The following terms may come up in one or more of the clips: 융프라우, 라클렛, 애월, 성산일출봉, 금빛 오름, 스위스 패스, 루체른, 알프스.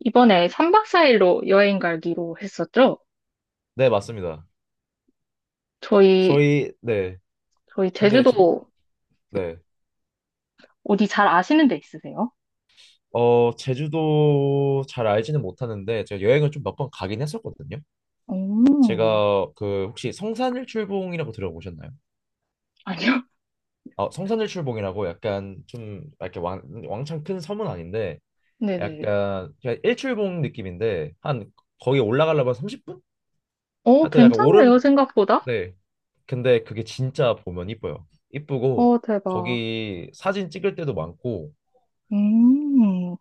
이번에 3박 4일로 여행 가기로 했었죠? 네, 맞습니다. 저희, 저희, 네. 저희 근데 지금, 제주도 네. 어디 잘 아시는 데 있으세요? 어, 제주도 잘 알지는 못하는데, 제가 여행을 좀 몇 번 가긴 했었거든요. 음, 제가 그, 혹시 성산일출봉이라고 들어보셨나요? 아니요? 아, 성산일출봉이라고 약간 좀, 이렇게 왕창 큰 섬은 아닌데, 네네. 약간, 그냥 일출봉 느낌인데, 한, 거기 올라가려면 30분? 어, 하여튼 약간 오름, 괜찮네요, 생각보다? 네. 근데 그게 진짜 보면 이뻐요. 이쁘고, 어, 대박. 거기 사진 찍을 때도 많고, 음,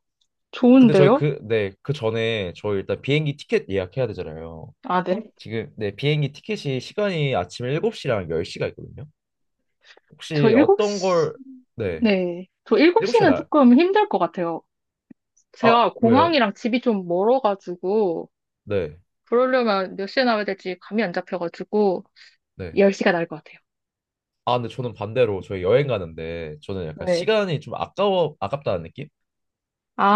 근데 저희 좋은데요? 그, 네, 그 전에 저희 일단 비행기 티켓 예약해야 되잖아요. 아, 네. 지금, 네, 비행기 티켓이 시간이 아침 7시랑 10시가 있거든요. 저 혹시 어떤 7시, 걸, 네, 네. 저 7시에 7시는 날, 조금 힘들 것 같아요. 아, 제가 왜요? 공항이랑 집이 좀 멀어가지고, 네, 그러려면 몇 시에 나와야 될지 감이 안 잡혀가지고, 네. 10시가 나을 것 같아요. 아, 근데 저는 반대로 저희 여행 가는데 저는 약간 네. 시간이 좀 아까워, 아깝다는 느낌?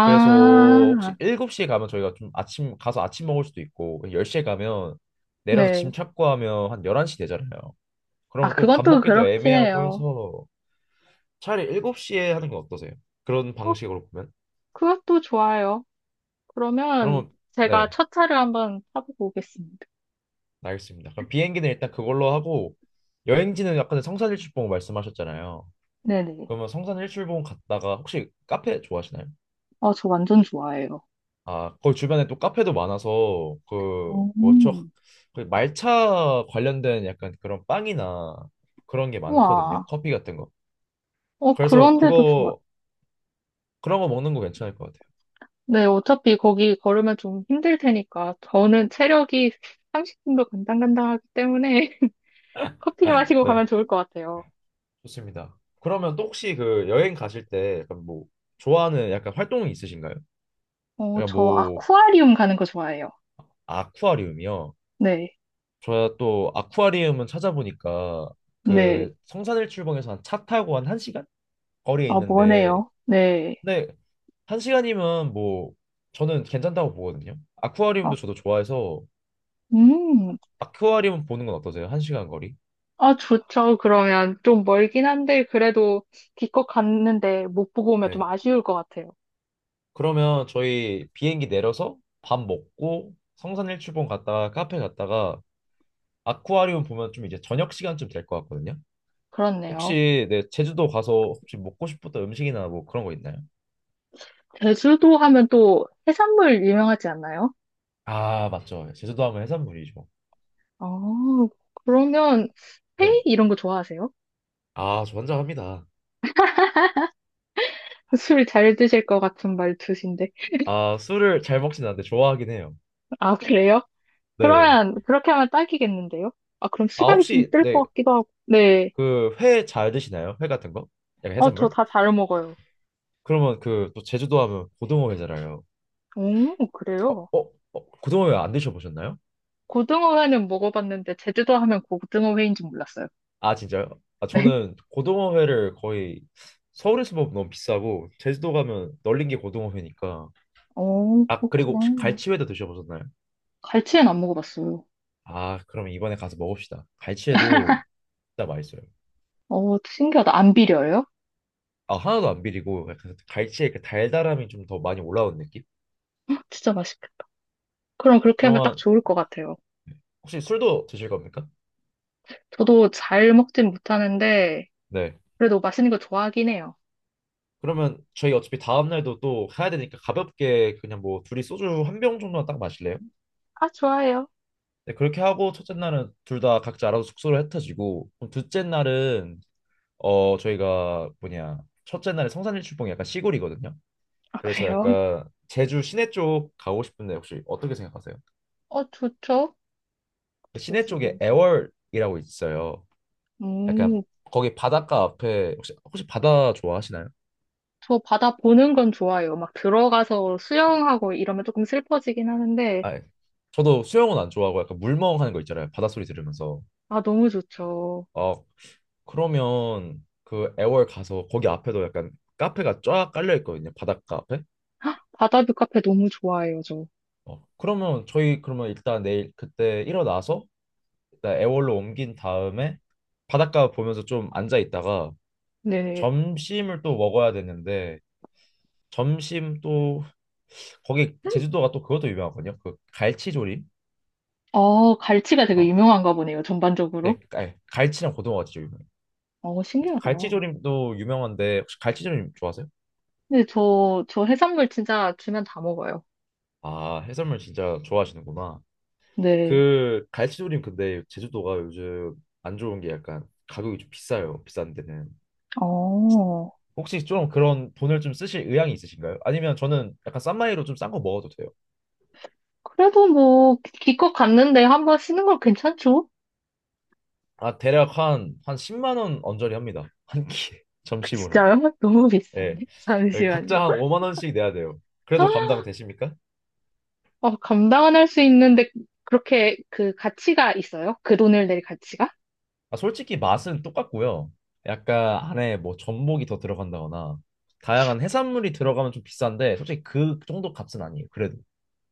그래서 혹시 7시에 가면 저희가 좀 아침, 가서 아침 먹을 수도 있고, 10시에 가면 내려서 짐 네. 찾고 하면 한 11시 되잖아요. 아, 그러면 또 그건 밥 또 먹기도 그렇긴 애매하고 해요. 해서 차라리 7시에 하는 건 어떠세요? 그런 어, 방식으로 보면. 그것도 좋아요. 그러면 그러면 제가 네, 첫 차를 한번 타보고 오겠습니다. 알겠습니다. 그럼 비행기는 일단 그걸로 하고 여행지는 약간 성산일출봉 말씀하셨잖아요. 네네. 그러면 성산일출봉 갔다가 혹시 카페 좋아하시나요? 아, 저 완전 좋아해요. 아, 거기 주변에 또 카페도 많아서 그 뭐죠? 음, 그 말차 관련된 약간 그런 빵이나 그런 게 많거든요. 우와. 커피 같은 거. 어, 그래서 그런데도 좋아. 그거 그런 거 먹는 거 괜찮을 것 같아요. 네, 어차피 거기 걸으면 좀 힘들 테니까. 저는 체력이 30분도 간당간당하기 때문에 커피 마시고 네. 가면 좋을 것 같아요. 좋습니다. 그러면 또 혹시 그 여행 가실 때 약간 뭐 좋아하는 약간 활동이 있으신가요? 어, 약간 저 뭐 아쿠아리움 가는 거 좋아해요. 아쿠아리움이요. 네. 저또 아쿠아리움은 찾아보니까 네. 그 성산일출봉에서 한 차 타고 한 1시간 거리에 아, 뭐네요. 있는데 네. 근데 1시간이면 뭐 저는 괜찮다고 보거든요. 아, 아쿠아리움도 저도 좋아해서 음. 아쿠아리움 보는 건 어떠세요? 1시간 거리? 아, 좋죠. 그러면 좀 멀긴 한데, 그래도 기껏 갔는데 못 보고 오면 좀 네. 아쉬울 것 같아요. 그러면 저희 비행기 내려서 밥 먹고 성산일출봉 갔다가 카페 갔다가 아쿠아리움 보면 좀 이제 저녁 시간쯤 될 것 같거든요. 그렇네요. 혹시 네, 제주도 가서 혹시 먹고 싶었던 음식이나 뭐 그런 거 있나요? 제주도 하면 또 해산물 유명하지 않나요? 아, 맞죠. 제주도 하면 해산물이죠. 어, 그러면 네. 회이 이런 거 좋아하세요? 아, 저 환장합니다. 술 잘 드실 것 같은 말투신데. 아, 술을 잘 먹진 않는데 좋아하긴 해요. 아, 그래요? 네. 그러면 그렇게 하면 딱이겠는데요? 아, 그럼 아, 시간이 좀 혹시 뜰 네, 것 같기도 하고. 네. 그 회 잘 드시나요? 회 같은 거? 약간 어, 저 해산물? 다 잘 먹어요. 그러면 그 또 제주도 하면 고등어 회잖아요. 오, 어, 그래요? 어, 어, 고등어 회 안 드셔보셨나요? 고등어 회는 먹어봤는데 제주도 하면 고등어 회인 줄 몰랐어요. 아 진짜요? 아 저는 고등어회를 거의 서울에서 먹으면 너무 비싸고 제주도 가면 널린 게 고등어회니까 어, 아 그리고 혹시 그렇구나. 갈치회도 드셔보셨나요? 갈치는 안 먹어봤어요. 아 그럼 이번에 가서 먹읍시다. 갈치회도 진짜 맛있어요. 어, 신기하다. 안 비려요? 아 하나도 안 비리고 약간 갈치의 그 달달함이 좀 더 많이 올라오는 느낌? 진짜 맛있겠다. 그럼 그렇게 하면 딱 그러면 좋을 것 같아요. 혹시 술도 드실 겁니까? 저도 잘 먹진 못하는데, 네. 그래도 맛있는 거 좋아하긴 해요. 그러면 저희 어차피 다음 날도 또 가야 되니까 가볍게 그냥 뭐 둘이 소주 한 병 정도만 딱 마실래요? 아, 좋아요. 네, 그렇게 하고 첫째 날은 둘 다 각자 알아서 숙소를 흩어지고 그럼 둘째 날은 어 저희가 뭐냐 첫째 날에 성산일출봉이 약간 시골이거든요. 아, 그래서 그래요? 약간 제주 시내 쪽 가고 싶은데 혹시 어떻게 생각하세요? 어, 좋죠? 그 돼 시내 지 쪽에 애월이라고 있어요. 약간 음, 거기 바닷가 앞에 혹시 바다 좋아하시나요? 저 바다 보는 건 좋아요. 막 들어가서 수영하고 이러면 조금 슬퍼지긴 하는데, 아, 예. 저도 수영은 안 좋아하고 약간 물멍하는 거 있잖아요. 바닷소리 들으면서. 아, 너무 좋죠. 어, 그러면 그 애월 가서 거기 앞에도 약간 카페가 쫙 깔려 있거든요. 바닷가 앞에. 바다뷰 카페 너무 좋아해요, 저. 어, 그러면 저희 그러면 일단 내일 그때 일어나서 일단 애월로 옮긴 다음에 바닷가 보면서 좀 앉아 있다가 네. 점심을 또 먹어야 되는데 점심 또 거기 제주도가 또 그것도 유명하거든요. 그 갈치조림. 아 갈치가 되게 어, 유명한가 보네요, 전반적으로. 네, 갈치랑 고등어가 진짜 유명해요. 어, 신기하다. 갈치조림도 유명한데 혹시 갈치조림 좋아하세요? 근데 저 해산물 진짜 주면 다 먹어요. 아, 해산물 진짜 좋아하시는구나. 네. 그 갈치조림 근데 제주도가 요즘 안 좋은 게 약간 가격이 좀 비싸요. 비싼 데는. 어, 혹시 좀 그런 돈을 좀 쓰실 의향이 있으신가요? 아니면 저는 약간 싼 마이로 좀 싼 거 먹어도 돼요. 그래도 뭐, 기껏 갔는데 한 번 쉬는 건 괜찮죠? 아, 대략 한 10만 원 언저리 합니다. 한 끼에 그 점심으로. 진짜요? 너무 예. 비싼데? 예, 잠시만요. 각자 한 5만 원씩 내야 돼요. 그래도 감당 되십니까? 어, 감당은 할 수 있는데, 그렇게 그 가치가 있어요? 그 돈을 낼 가치가? 아, 솔직히 맛은 똑같고요. 약간 안에 뭐 전복이 더 들어간다거나 다양한 해산물이 들어가면 좀 비싼데 솔직히 그 정도 값은 아니에요. 그래도.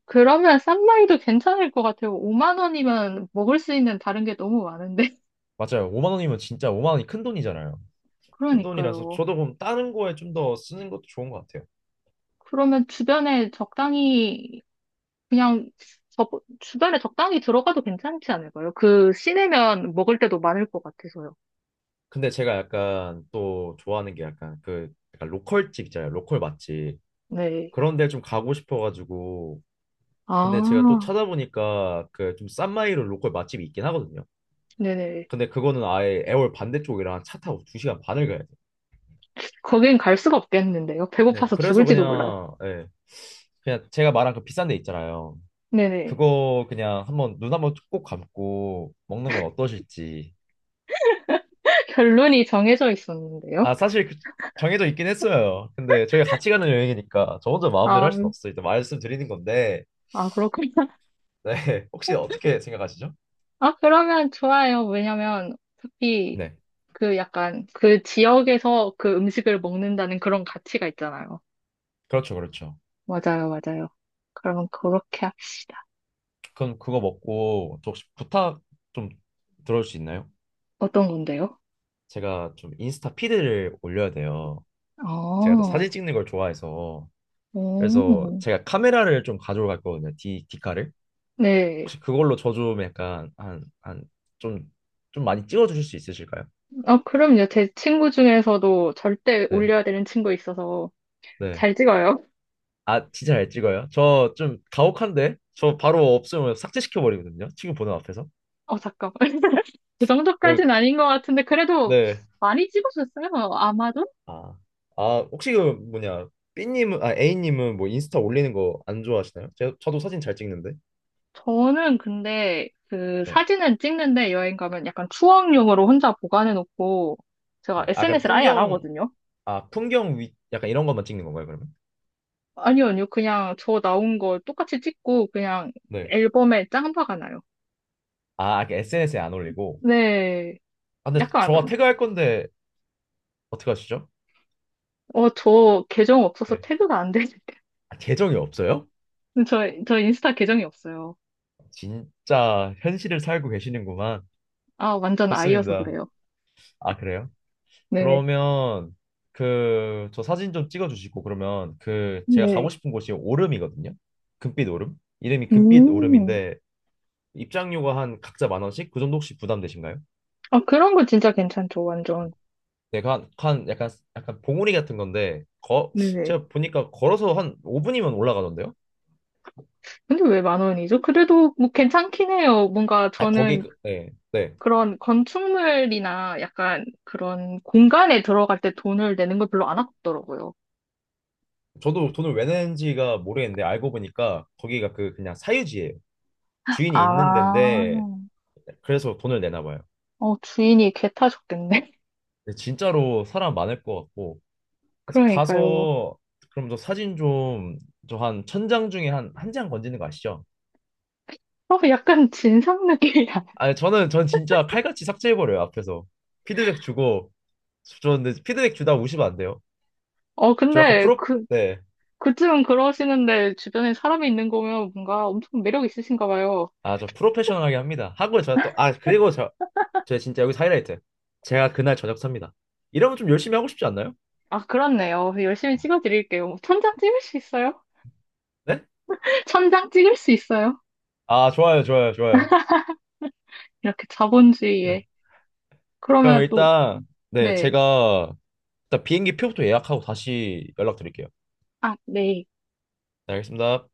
그러면 싼 마이도 괜찮을 것 같아요. 5만 원이면 먹을 수 있는 다른 게 너무 많은데. 맞아요. 5만 원이면 진짜 5만 원이 큰 돈이잖아요. 큰 돈이라서 그러니까요. 저도 그럼 다른 거에 좀 더 쓰는 것도 좋은 것 같아요. 그러면 주변에 적당히 그냥 저, 주변에 적당히 들어가도 괜찮지 않을까요? 그 시내면 먹을 때도 많을 것 같아서요. 근데 제가 약간 또 좋아하는 게 약간 그 약간 로컬집 있잖아요. 로컬 맛집. 네. 그런 데 좀 가고 싶어가지고. 근데 제가 또 아, 찾아보니까 그 좀 싼 마이로 로컬 맛집이 있긴 하거든요. 네네. 근데 그거는 아예 애월 반대쪽이랑 차 타고 2시간 반을 가야 돼요. 거긴 갈 수가 없겠는데요. 네, 배고파서 그래서 죽을지도 몰라요. 그냥, 예, 그냥 제가 말한 그 비싼 데 있잖아요. 네네. 그거 그냥 한번 눈 한번 꼭 감고 먹는 건 어떠실지. 결론이 정해져 있었는데요. 아, 사실 정해져 있긴 했어요. 근데 저희가 같이 가는 여행이니까 저 혼자 마음대로 할 수는 아, 없어. 일단 말씀드리는 건데, 아, 그렇군요. 네. 혹시 어떻게 생각하시죠? 아, 그러면 좋아요. 왜냐면 어차피 네, 그 약간 그 지역에서 그 음식을 먹는다는 그런 가치가 있잖아요. 그렇죠, 그렇죠. 맞아요, 맞아요. 그러면 그렇게 하- 그럼 그거 먹고 저 혹시 부탁 좀 들어줄 수 있나요? 어떤 건데요? 제가 좀 인스타 피드를 올려야 돼요. 제가 또 아, 사진 찍는 걸 좋아해서. 그래서 오. 제가 카메라를 좀 가져올 거거든요. 디카를. 네. 혹시 그걸로 저 좀 약간 좀, 좀 많이 찍어주실 수 있으실까요? 어 그럼요. 제 친구 중에서도 절대 네. 올려야 되는 친구 있어서 네. 잘 찍어요. 아, 진짜 잘 찍어요? 저 좀 가혹한데? 저 바로 없으면 삭제시켜버리거든요. 친구 보는 앞에서. 어, 잠깐만. 그 그리고- 정도까지는 아닌 것 같은데, 그래도 네. 많이 찍으셨어요. 아마도? 아, 아, 혹시 그 뭐냐, A님은 뭐 인스타 올리는 거 안 좋아하시나요? 저도 사진 잘 찍는데. 저는 근데 그 네. 사진은 찍는데 여행 가면 약간 추억용으로 혼자 보관해놓고 제가 네. 아, SNS를 아예 안 하거든요. 풍경 위, 약간 이런 것만 찍는 건가요, 그러면? 아니요, 아니요. 그냥 저 나온 거 똑같이 찍고 그냥 네. 앨범에 짱박가나요. 아, SNS에 안 올리고. 네. 아, 근데 저가 약간은. 태그할 건데, 어떻게 하시죠? 어, 저 계정 없어서 네. 태그가 안 돼. 아, 계정이 없어요? 저, 저 인스타 계정이 없어요. 진짜 현실을 살고 계시는구만. 아, 완전 아이여서 좋습니다. 그래요. 아, 그래요? 네네. 그러면 그 저 사진 좀 찍어주시고 그러면 그 제가 가고 네. 싶은 곳이 오름이거든요. 금빛 오름. 이름이 금빛 음. 오름인데 입장료가 한 각자 만 원씩 그 정도 혹시 부담되신가요? 아, 그런 거 진짜 괜찮죠, 완전. 네, 그 한, 한 약간 약간 봉우리 같은 건데 거 네네. 제가 보니까 걸어서 한 5분이면 올라가던데요? 근데 왜 만 원이죠? 그래도 뭐 괜찮긴 해요. 뭔가 아 거기 저는 네, 네. 그런 건축물이나 약간 그런 공간에 들어갈 때 돈을 내는 걸 별로 안 아깝더라고요. 저도 돈을 왜 낸지가 모르겠는데 알고 보니까 거기가 그 그냥 사유지예요. 주인이 있는 아, 데인데 그래서 돈을 내나 봐요. 어, 주인이 개 타셨겠네. 근데 진짜로 사람 많을 것 같고 그래서 그러니까요. 가서 그럼 저 사진 좀 저 한 천장 중에 한 한 장 건지는 거 아시죠? 어, 약간 진상 느낌이야. 아니 저는 전 진짜 칼같이 삭제해버려요 앞에서 피드백 주고 저 근데 피드백 주다 우시면 안 돼요. 어, 저 약간 근데 프로 그, 네. 그쯤은 그러시는데 주변에 사람이 있는 거면 뭔가 엄청 매력 있으신가 봐요. 아 저 프로페셔널하게 합니다. 하고 제가 또 아 그리고 제가 진짜 여기서 하이라이트 제가 그날 저녁 삽니다. 이러면 좀 열심히 하고 싶지 않나요? 아, 그렇네요. 열심히 찍어드릴게요. 천장 찍을 수 있어요? 네? 천장 찍을 수 있어요? 아 좋아요 좋아요 좋아요. 이렇게 네. 자본주의에. 그럼 그러면 또, 일단 네 네. 제가 일단 비행기 표부터 예약하고 다시 연락드릴게요. 아, 네. 네 알겠습니다.